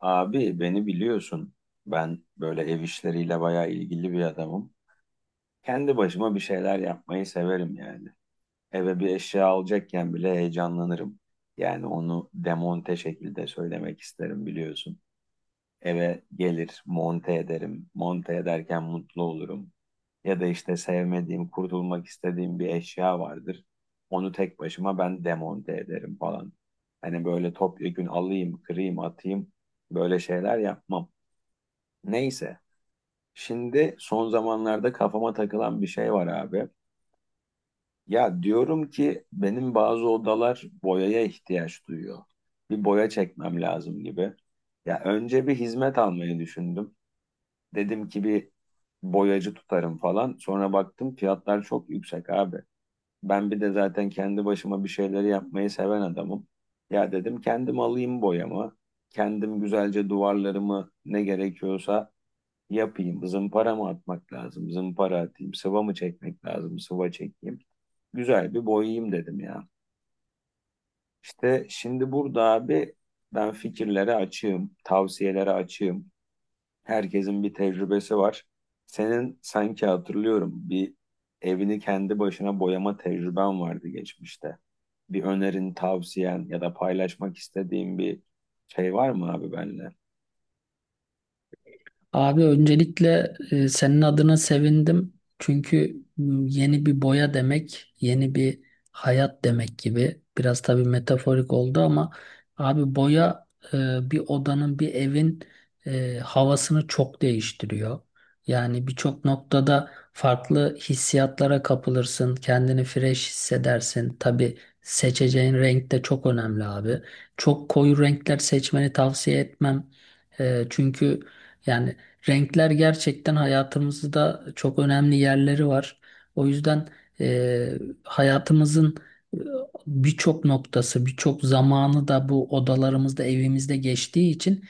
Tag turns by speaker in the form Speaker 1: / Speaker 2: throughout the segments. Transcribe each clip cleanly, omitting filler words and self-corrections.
Speaker 1: Abi beni biliyorsun. Ben böyle ev işleriyle bayağı ilgili bir adamım. Kendi başıma bir şeyler yapmayı severim yani. Eve bir eşya alacakken bile heyecanlanırım. Yani onu demonte şekilde söylemek isterim biliyorsun. Eve gelir, monte ederim. Monte ederken mutlu olurum. Ya da işte sevmediğim, kurtulmak istediğim bir eşya vardır. Onu tek başıma ben demonte ederim falan. Hani böyle topyekün alayım, kırayım, atayım, böyle şeyler yapmam. Neyse. Şimdi son zamanlarda kafama takılan bir şey var abi. Ya diyorum ki benim bazı odalar boyaya ihtiyaç duyuyor. Bir boya çekmem lazım gibi. Ya önce bir hizmet almayı düşündüm. Dedim ki bir boyacı tutarım falan. Sonra baktım fiyatlar çok yüksek abi. Ben bir de zaten kendi başıma bir şeyleri yapmayı seven adamım. Ya dedim kendim alayım boyamı. Kendim güzelce duvarlarımı ne gerekiyorsa yapayım. Zımpara mı atmak lazım? Zımpara atayım. Sıva mı çekmek lazım? Sıva çekeyim. Güzel bir boyayayım dedim ya. İşte şimdi burada abi, ben fikirlere açığım. Tavsiyelere açığım. Herkesin bir tecrübesi var. Senin sanki hatırlıyorum, bir evini kendi başına boyama tecrüben vardı geçmişte. Bir önerin, tavsiyen ya da paylaşmak istediğin bir şey var mı abi benimle?
Speaker 2: Abi öncelikle senin adına sevindim. Çünkü yeni bir boya demek, yeni bir hayat demek gibi. Biraz tabii metaforik oldu ama abi boya e, bir odanın, bir evin havasını çok değiştiriyor. Yani birçok noktada farklı hissiyatlara kapılırsın, kendini fresh hissedersin. Tabii seçeceğin renk de çok önemli abi. Çok koyu renkler seçmeni tavsiye etmem. Çünkü yani renkler gerçekten hayatımızda çok önemli yerleri var. O yüzden e, hayatımızın e, birçok noktası, birçok zamanı da bu odalarımızda, evimizde geçtiği için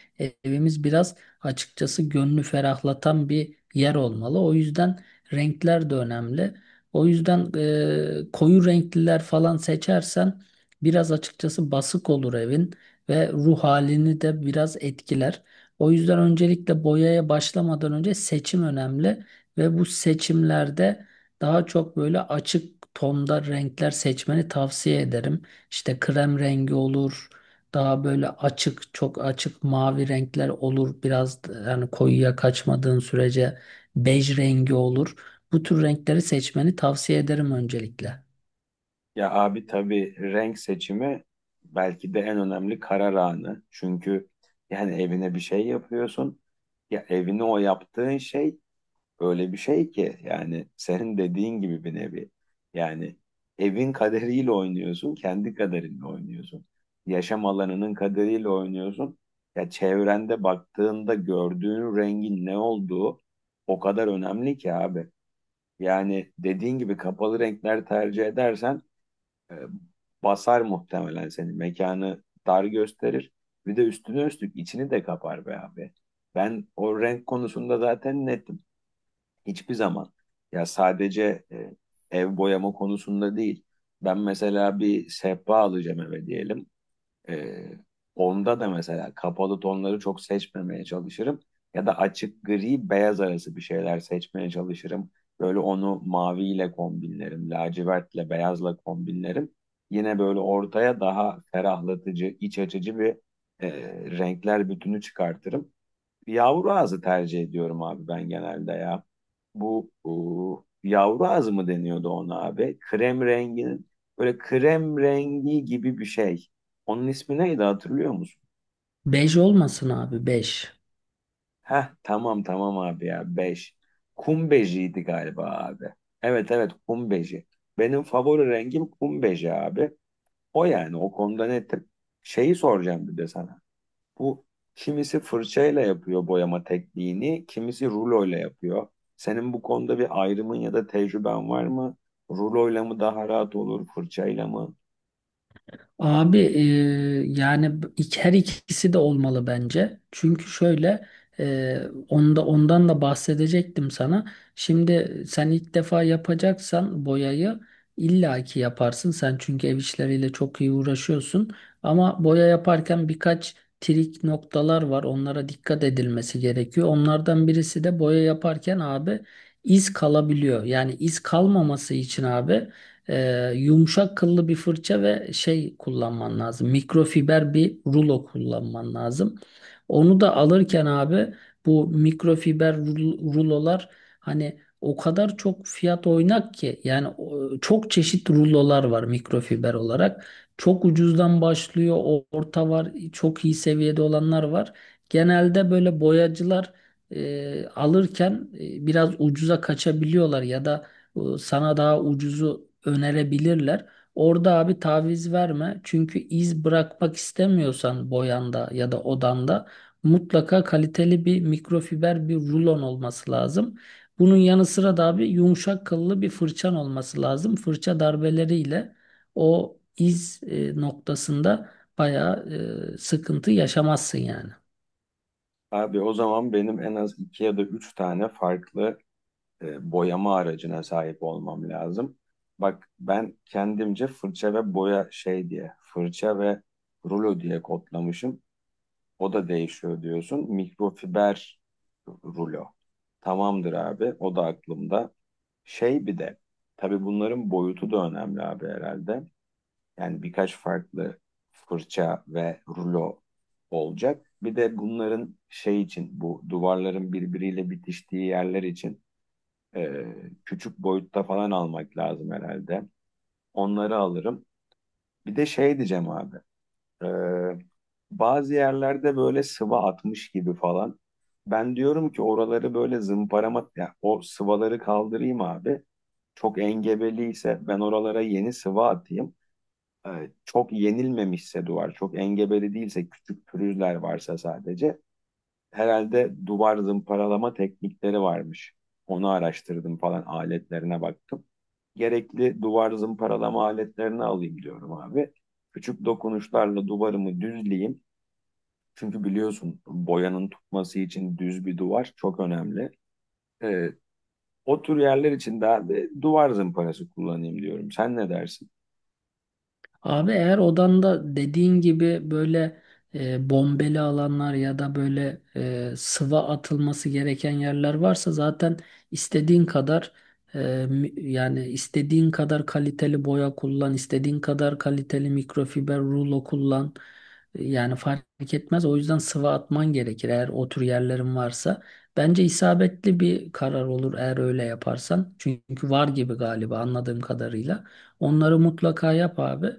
Speaker 2: evimiz biraz açıkçası gönlü ferahlatan bir yer olmalı. O yüzden renkler de önemli. O yüzden koyu renkliler falan seçersen biraz açıkçası basık olur evin ve ruh halini de biraz etkiler. O yüzden öncelikle boyaya başlamadan önce seçim önemli ve bu seçimlerde daha çok böyle açık tonda renkler seçmeni tavsiye ederim. İşte krem rengi olur, daha böyle açık, çok açık mavi renkler olur. Biraz da yani koyuya kaçmadığın sürece bej rengi olur. Bu tür renkleri seçmeni tavsiye ederim öncelikle.
Speaker 1: Ya abi tabii renk seçimi belki de en önemli karar anı. Çünkü yani evine bir şey yapıyorsun. Ya evine o yaptığın şey öyle bir şey ki, yani senin dediğin gibi bir nevi. Yani evin kaderiyle oynuyorsun, kendi kaderinle oynuyorsun. Yaşam alanının kaderiyle oynuyorsun. Ya çevrende baktığında gördüğün rengin ne olduğu o kadar önemli ki abi. Yani dediğin gibi kapalı renkler tercih edersen e, basar muhtemelen seni. Mekanı dar gösterir. Bir de üstüne üstlük içini de kapar be abi. Ben o renk konusunda zaten nettim. Hiçbir zaman. Ya sadece ev boyama konusunda değil. Ben mesela bir sehpa alacağım eve diyelim. Ee, Onda da mesela kapalı tonları çok seçmemeye çalışırım. Ya da açık gri beyaz arası bir şeyler seçmeye çalışırım. Böyle onu maviyle kombinlerim, lacivertle beyazla kombinlerim. Yine böyle ortaya daha ferahlatıcı, iç açıcı bir e, renkler bütünü çıkartırım. Yavru ağzı tercih ediyorum abi ben genelde ya. Bu yavru ağzı mı deniyordu ona abi? Krem renginin böyle krem rengi gibi bir şey. Onun ismi neydi hatırlıyor musun?
Speaker 2: Bej olmasın abi, bej.
Speaker 1: Heh, tamam tamam abi ya, 5 kum bejiydi galiba abi. Evet evet, kum beji. Benim favori rengim kum beji abi. O, yani o konuda netim. Şeyi soracağım bir de sana. Bu, kimisi fırçayla yapıyor boyama tekniğini, kimisi ruloyla yapıyor. Senin bu konuda bir ayrımın ya da tecrüben var mı? Ruloyla mı daha rahat olur, fırçayla mı?
Speaker 2: Abi yani her ikisi de olmalı bence. Çünkü şöyle e, ondan da bahsedecektim sana. Şimdi sen ilk defa yapacaksan boyayı illaki yaparsın. Sen çünkü ev işleriyle çok iyi uğraşıyorsun. Ama boya yaparken birkaç trik noktalar var. Onlara dikkat edilmesi gerekiyor. Onlardan birisi de boya yaparken abi iz kalabiliyor. Yani iz kalmaması için abi. Yumuşak kıllı bir fırça ve şey kullanman lazım. Mikrofiber bir rulo kullanman lazım. Onu da alırken abi bu mikrofiber rulolar, hani o kadar çok fiyat oynak ki yani çok çeşit rulolar var mikrofiber olarak. Çok ucuzdan başlıyor, orta var, çok iyi seviyede olanlar var. Genelde böyle boyacılar alırken biraz ucuza kaçabiliyorlar ya da bu sana daha ucuzu önerebilirler. Orada abi taviz verme. Çünkü iz bırakmak istemiyorsan boyanda ya da odanda mutlaka kaliteli bir mikrofiber bir rulon olması lazım. Bunun yanı sıra da abi yumuşak kıllı bir fırçan olması lazım. Fırça darbeleriyle o iz noktasında bayağı sıkıntı yaşamazsın yani.
Speaker 1: Abi o zaman benim en az iki ya da üç tane farklı boyama aracına sahip olmam lazım. Bak ben kendimce fırça ve boya şey diye, fırça ve rulo diye kodlamışım. O da değişiyor diyorsun. Mikrofiber rulo. Tamamdır abi, o da aklımda. Şey, bir de tabii bunların boyutu da önemli abi herhalde. Yani birkaç farklı fırça ve rulo olacak. Bir de bunların şey için, bu duvarların birbiriyle bitiştiği yerler için e, küçük boyutta falan almak lazım herhalde. Onları alırım. Bir de şey diyeceğim abi. Ee, Bazı yerlerde böyle sıva atmış gibi falan. Ben diyorum ki oraları böyle zımparama, ya o sıvaları kaldırayım abi. Çok engebeliyse ben oralara yeni sıva atayım. Çok yenilmemişse duvar, çok engebeli değilse, küçük pürüzler varsa sadece, herhalde duvar zımparalama teknikleri varmış. Onu araştırdım falan, aletlerine baktım. Gerekli duvar zımparalama aletlerini alayım diyorum abi. Küçük dokunuşlarla duvarımı düzleyeyim. Çünkü biliyorsun boyanın tutması için düz bir duvar çok önemli. Ee, O tür yerler için de abi duvar zımparası kullanayım diyorum. Sen ne dersin?
Speaker 2: Abi eğer odanda dediğin gibi böyle bombeli alanlar ya da böyle sıva atılması gereken yerler varsa zaten istediğin kadar yani istediğin kadar kaliteli boya kullan, istediğin kadar kaliteli mikrofiber rulo kullan. Yani fark etmez. O yüzden sıva atman gerekir eğer o tür yerlerin varsa. Bence isabetli bir karar olur eğer öyle yaparsan. Çünkü var gibi galiba anladığım kadarıyla. Onları mutlaka yap abi.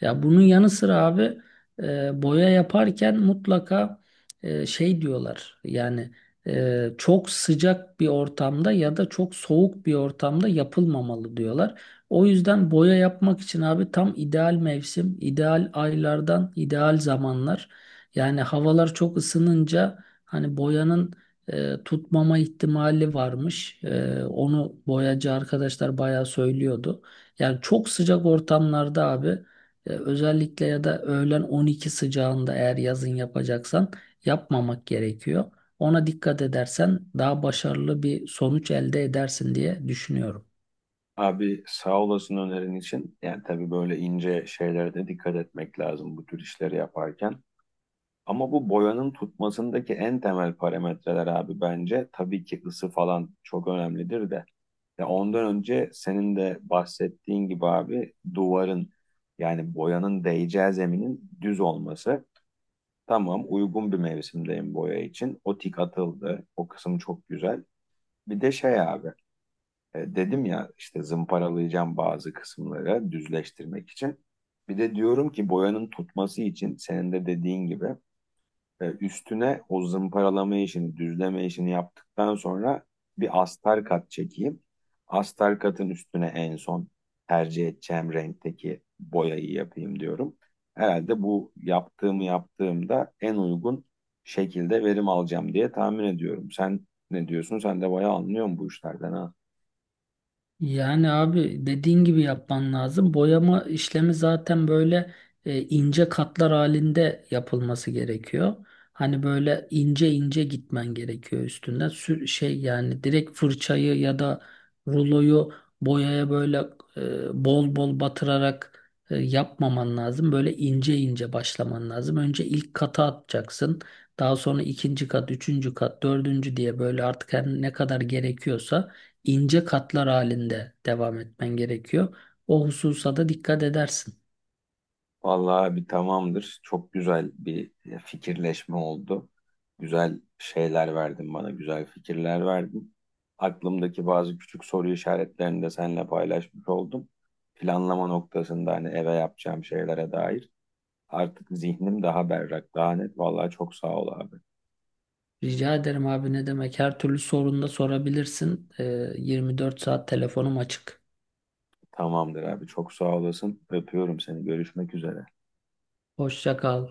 Speaker 2: Ya bunun yanı sıra abi boya yaparken mutlaka şey diyorlar yani çok sıcak bir ortamda ya da çok soğuk bir ortamda yapılmamalı diyorlar. O yüzden boya yapmak için abi tam ideal mevsim, ideal aylardan ideal zamanlar. Yani havalar çok ısınınca hani boyanın tutmama ihtimali varmış. Onu boyacı arkadaşlar bayağı söylüyordu. Yani çok sıcak ortamlarda abi. Özellikle ya da öğlen 12 sıcağında eğer yazın yapacaksan yapmamak gerekiyor. Ona dikkat edersen daha başarılı bir sonuç elde edersin diye düşünüyorum.
Speaker 1: Abi sağ olasın önerin için. Yani tabii böyle ince şeylere de dikkat etmek lazım bu tür işleri yaparken. Ama bu boyanın tutmasındaki en temel parametreler abi bence tabii ki ısı falan çok önemlidir de. Ya ondan önce senin de bahsettiğin gibi abi duvarın, yani boyanın değeceği zeminin düz olması. Tamam, uygun bir mevsimdeyim boya için. O tik atıldı. O kısım çok güzel. Bir de şey abi, dedim ya işte zımparalayacağım bazı kısımları düzleştirmek için. Bir de diyorum ki boyanın tutması için senin de dediğin gibi, üstüne o zımparalama işini, düzleme işini yaptıktan sonra bir astar kat çekeyim. Astar katın üstüne en son tercih edeceğim renkteki boyayı yapayım diyorum. Herhalde bu yaptığımı yaptığımda en uygun şekilde verim alacağım diye tahmin ediyorum. Sen ne diyorsun? Sen de bayağı anlıyorsun bu işlerden ha.
Speaker 2: Yani abi dediğin gibi yapman lazım. Boyama işlemi zaten böyle ince katlar halinde yapılması gerekiyor. Hani böyle ince ince gitmen gerekiyor üstünde. Sür, şey yani direkt fırçayı ya da ruloyu boyaya böyle bol bol batırarak yapmaman lazım. Böyle ince ince başlaman lazım. Önce ilk kata atacaksın. Daha sonra ikinci kat, üçüncü kat, dördüncü diye böyle artık her ne kadar gerekiyorsa ince katlar halinde devam etmen gerekiyor. O hususa da dikkat edersin.
Speaker 1: Vallahi bir tamamdır. Çok güzel bir fikirleşme oldu. Güzel şeyler verdin bana, güzel fikirler verdin. Aklımdaki bazı küçük soru işaretlerini de seninle paylaşmış oldum. Planlama noktasında hani eve yapacağım şeylere dair artık zihnim daha berrak, daha net. Vallahi çok sağ ol abi.
Speaker 2: Rica ederim abi, ne demek? Her türlü sorunda sorabilirsin. 24 saat telefonum açık.
Speaker 1: Tamamdır abi, çok sağ olasın. Öpüyorum seni. Görüşmek üzere.
Speaker 2: Hoşça kal.